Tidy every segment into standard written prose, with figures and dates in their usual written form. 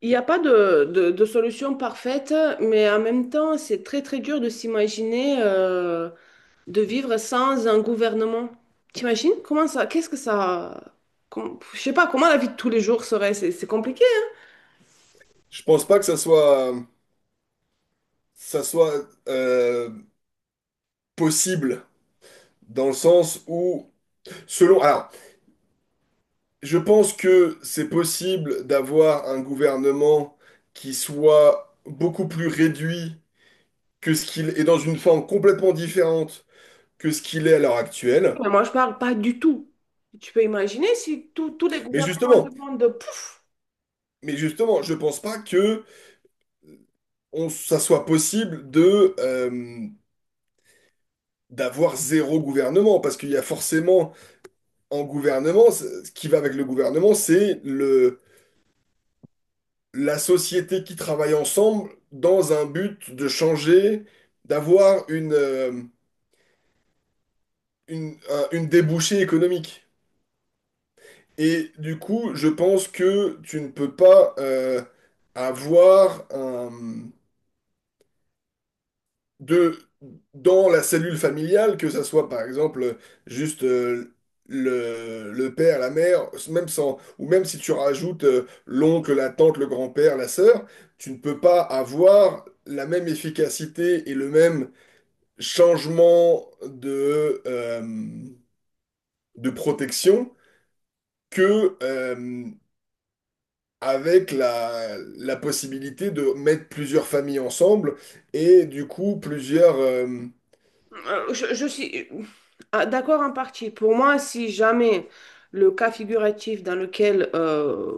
Il n'y a pas de solution parfaite, mais en même temps, c'est très très dur de s'imaginer de vivre sans un gouvernement. T'imagines? Comment ça? Qu'est-ce que ça... je sais pas, comment la vie de tous les jours serait? C'est compliqué, Je pense pas que ça soit possible dans le sens où, selon, alors, je pense que c'est possible d'avoir un gouvernement qui soit beaucoup plus réduit que ce qu'il est dans une forme complètement différente que ce qu'il est à l'heure actuelle. mais moi je parle pas du tout. Tu peux imaginer si tous tous les Mais gouvernements justement, du monde, pouf! mais justement, je pense pas que ça soit possible de d'avoir zéro gouvernement parce qu'il y a forcément en gouvernement, ce qui va avec le gouvernement, c'est le la société qui travaille ensemble dans un but de changer, d'avoir une, une débouchée économique. Et du coup, je pense que tu ne peux pas avoir un, de, dans la cellule familiale, que ça soit par exemple juste le père, la mère, même sans, ou même si tu rajoutes l'oncle, la tante, le grand-père, la sœur, tu ne peux pas avoir la même efficacité et le même changement de protection que avec la, la possibilité de mettre plusieurs familles ensemble et du coup plusieurs... Je suis d'accord en partie. Pour moi, si jamais le cas figuratif dans lequel...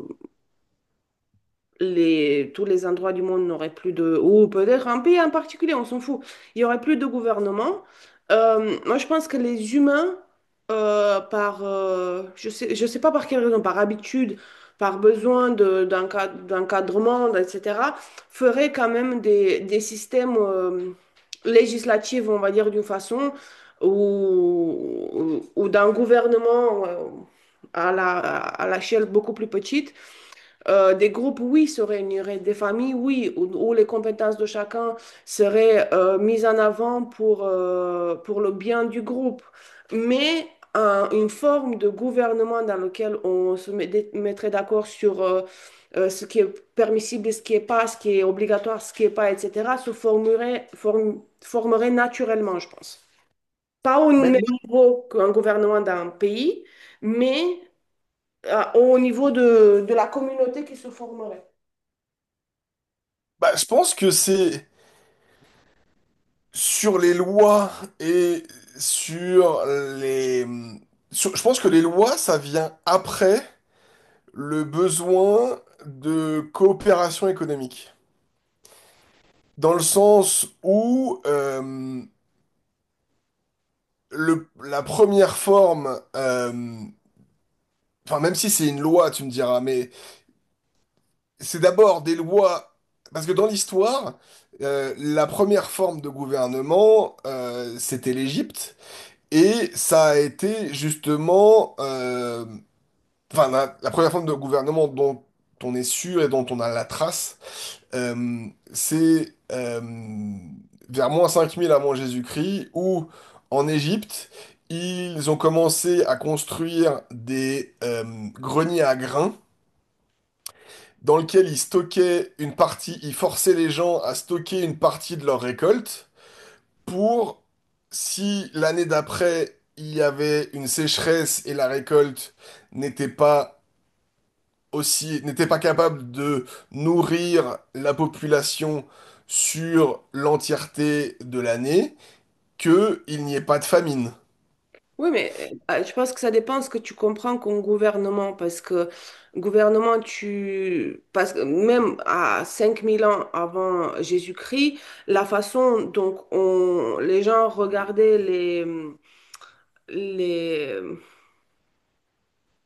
les, tous les endroits du monde n'auraient plus de... Ou peut-être un pays en particulier, on s'en fout. Il n'y aurait plus de gouvernement. Je pense que les humains, je sais pas par quelle raison, par habitude, par besoin d'un d'encadrement, etc., feraient quand même des systèmes législatifs, on va dire, d'une façon, ou, ou d'un gouvernement... à à l'échelle beaucoup plus petite, des groupes, oui, se réuniraient, des familles, oui, où les compétences de chacun seraient mises en avant pour le bien du groupe. Mais une forme de gouvernement dans lequel on mettrait d'accord sur ce qui est permissible et ce qui est pas, ce qui est obligatoire, ce qui est pas, etc., se formerait, formerait naturellement, je pense. Pas au Mais même moi, niveau qu'un gouvernement d'un pays, mais au niveau de la communauté qui se formerait. bah, je pense que c'est sur les lois et sur les... je pense que les lois, ça vient après le besoin de coopération économique. Dans le sens où... le, la première forme, enfin même si c'est une loi, tu me diras, mais c'est d'abord des lois, parce que dans l'histoire, la première forme de gouvernement, c'était l'Égypte, et ça a été justement, enfin la première forme de gouvernement dont on est sûr et dont on a la trace. Euh, c'est vers moins 5000 avant Jésus-Christ, où en Égypte, ils ont commencé à construire des greniers à grains dans lesquels ils stockaient une partie, ils forçaient les gens à stocker une partie de leur récolte pour, si l'année d'après, il y avait une sécheresse et la récolte n'était pas aussi n'était pas capable de nourrir la population sur l'entièreté de l'année, que il n'y ait pas de famine. Oui, mais bah, je pense que ça dépend ce que tu comprends comme gouvernement, parce que gouvernement, tu... parce que même à 5000 ans avant Jésus-Christ, la façon dont on... les gens regardaient les,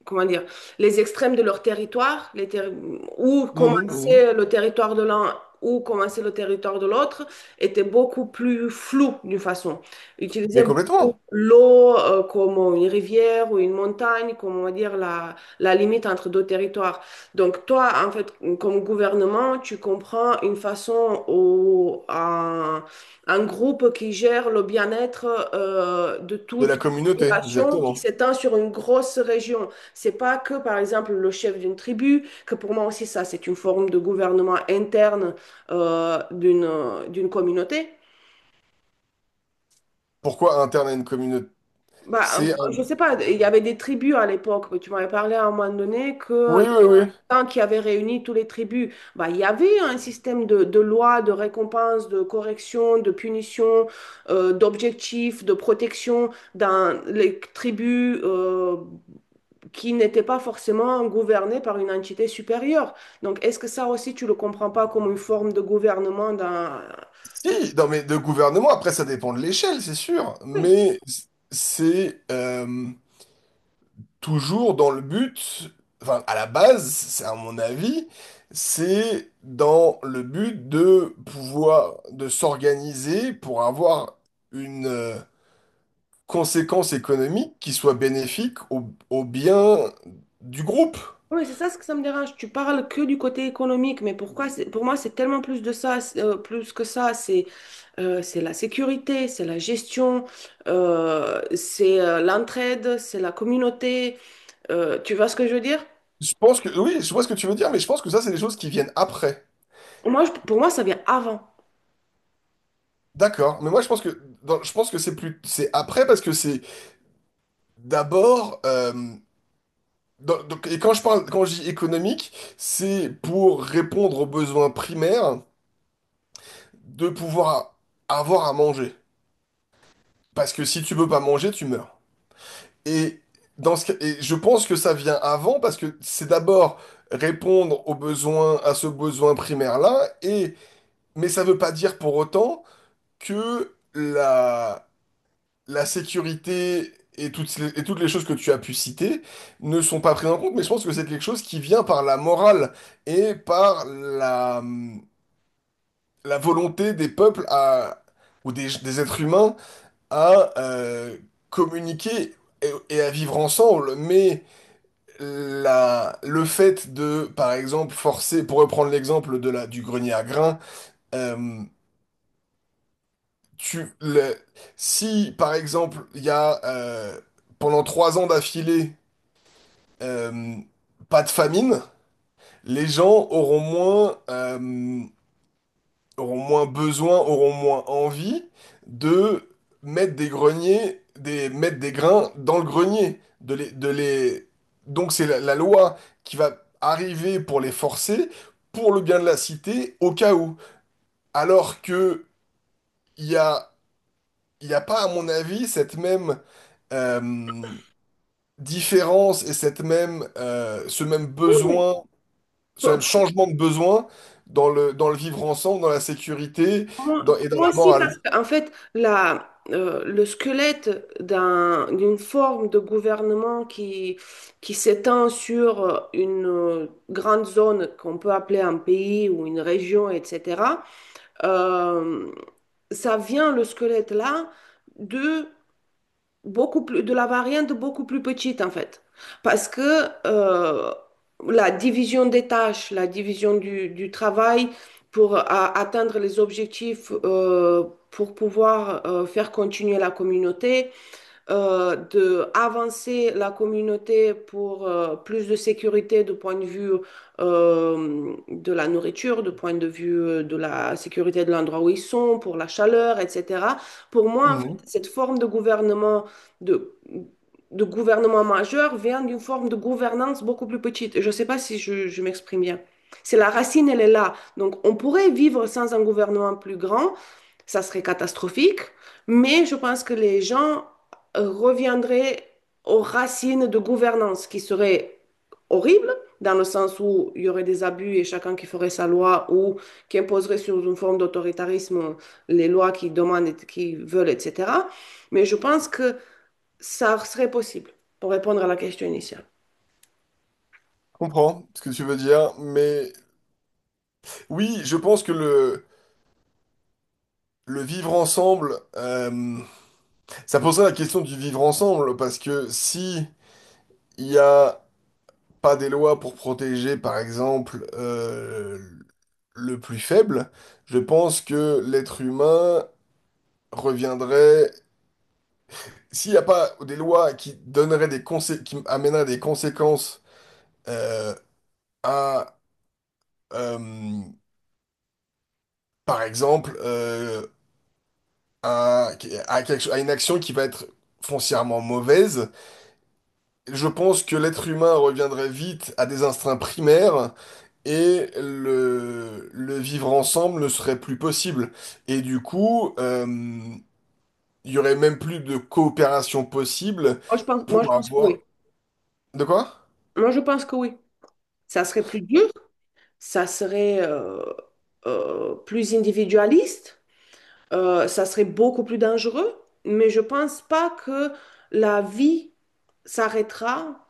comment dire, les extrêmes de leur territoire, où Mhm, mhm. commençait le territoire de l'un, où commençait le territoire de l'autre, était beaucoup plus flou d'une façon. Ils Mais utilisaient beaucoup complètement, l'eau comme une rivière ou une montagne, comme on va dire la limite entre deux territoires. Donc toi, en fait, comme gouvernement, tu comprends une façon ou un groupe qui gère le bien-être de de toute la communauté, population qui exactement. s'étend sur une grosse région. C'est pas que, par exemple, le chef d'une tribu, que pour moi aussi, ça, c'est une forme de gouvernement interne d'une communauté. Pourquoi interne à une communauté? Bah, C'est un- je sais pas, il y avait des tribus à l'époque. Tu m'avais parlé à un moment donné que Oui, oui, oui. quand qui avait réuni tous les tribus, bah, il y avait un système de loi, de récompense, de correction, de punition, d'objectifs, de protection dans les tribus. Qui n'étaient pas forcément gouvernés par une entité supérieure. Donc, est-ce que ça aussi, tu le comprends pas comme une forme de gouvernement d'un... Si, non, mais de gouvernement, après, ça dépend de l'échelle, c'est sûr. Oui, Mais c'est... toujours dans le but, enfin à la base, c'est à mon avis, c'est dans le but de pouvoir, de s'organiser pour avoir une conséquence économique qui soit bénéfique au, au bien du groupe. oui, c'est ça ce que ça me dérange. Tu parles que du côté économique, mais pour moi, c'est tellement plus de ça, c'est, plus que ça. C'est la sécurité, c'est la gestion, c'est l'entraide, c'est la communauté. Tu vois ce que je veux dire? Je pense que, oui, je vois ce que tu veux dire, mais je pense que ça, c'est des choses qui viennent après. Pour moi, ça vient avant. D'accord, mais moi je pense que dans- je pense que c'est plus c'est après parce que c'est d'abord Dans- Donc, et quand je parle, quand je dis économique, c'est pour répondre aux besoins primaires de pouvoir avoir à manger. Parce que si tu peux pas manger, tu meurs. Et dans ce cas- et je pense que ça vient avant parce que c'est d'abord répondre aux besoins, à ce besoin primaire-là. Et mais ça veut pas dire pour autant que la sécurité et toutes les choses que tu as pu citer ne sont pas prises en compte, mais je pense que c'est quelque chose qui vient par la morale et par la, la volonté des peuples à, ou des êtres humains à communiquer et à vivre ensemble. Mais la, le fait de, par exemple, forcer, pour reprendre l'exemple de la, du grenier à grains, euh, tu, le- si, par exemple, il y a pendant 3 ans d'affilée, euh, pas de famine, les gens auront moins besoin, auront moins envie de mettre des greniers, des, mettre des grains dans le grenier, de les... Donc c'est la, la loi qui va arriver pour les forcer, pour le bien de la cité, au cas où. Alors que il y a, il y a pas, à mon avis, cette même euh, différence et cette même, ce même Oui, oui. besoin. C'est un Pour, changement de besoin dans le vivre ensemble, dans la sécurité moi, dans- et dans moi la aussi, morale. parce qu'en fait, le squelette d'une forme de gouvernement qui s'étend sur une grande zone qu'on peut appeler un pays ou une région, etc., euh, ça vient, le squelette là, de beaucoup plus, de la variante beaucoup plus petite en fait. Parce que la division des tâches, la division du travail pour atteindre les objectifs, pour pouvoir faire continuer la communauté, de avancer la communauté pour plus de sécurité du point de vue de la nourriture, du point de vue de la sécurité de l'endroit où ils sont, pour la chaleur, etc. Pour moi, en fait, Mhm. cette forme de gouvernement de de gouvernement majeur vient d'une forme de gouvernance beaucoup plus petite. Je ne sais pas si je m'exprime bien. C'est la racine, elle est là. Donc, on pourrait vivre sans un gouvernement plus grand, ça serait catastrophique, mais je pense que les gens reviendrait aux racines de gouvernance, qui serait horrible, dans le sens où il y aurait des abus et chacun qui ferait sa loi ou qui imposerait sur une forme d'autoritarisme les lois qui demandent, et qui veulent, etc. Mais je pense que ça serait possible pour répondre à la question initiale. Je comprends ce que tu veux dire, mais oui, je pense que le vivre ensemble, ça poserait la question du vivre ensemble, parce que si il n'y a pas des lois pour protéger, par exemple, le plus faible, je pense que l'être humain reviendrait... S'il n'y a pas des lois qui donneraient des consé- qui amèneraient des conséquences euh, à, euh, par exemple, à, à quelque- à une action qui va être foncièrement mauvaise, je pense que l'être humain reviendrait vite à des instincts primaires et le vivre ensemble ne serait plus possible. Et du coup, il y aurait même plus de coopération possible Moi, je pour pense que avoir... oui. De quoi? Moi, je pense que oui. Ça serait plus dur, ça serait plus individualiste. Euh, ça serait beaucoup plus dangereux, mais je pense pas que la vie s'arrêtera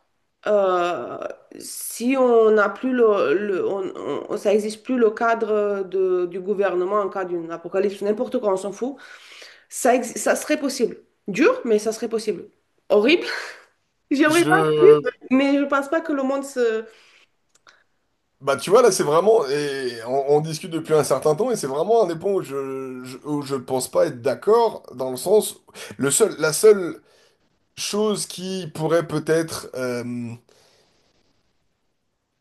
euh, si on n'a plus ça existe plus le cadre du gouvernement en cas d'une apocalypse, n'importe quoi, on s'en fout. Ça serait possible. Dur, mais ça serait possible. Horrible. J'aimerais pas vivre, Je... mais je pense pas que le monde se... Bah tu vois là c'est vraiment et on discute depuis un certain temps et c'est vraiment un des points où je où je pense pas être d'accord dans le sens le seul la seule chose qui pourrait peut-être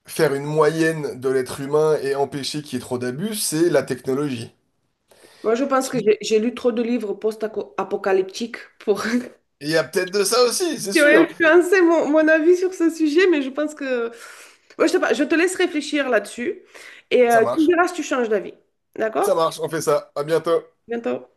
faire une moyenne de l'être humain et empêcher qu'il y ait trop d'abus c'est la technologie. Moi, je pense que Qui- j'ai lu trop de livres post-apocalyptiques pour Il y a peut-être de ça aussi, c'est Tu as sûr. influencé mon avis sur ce sujet, mais je pense que... Ouais, je sais pas, je te laisse réfléchir là-dessus et Ça tu me marche. diras si tu changes d'avis. Ça D'accord? marche, on fait ça. À bientôt. Bientôt.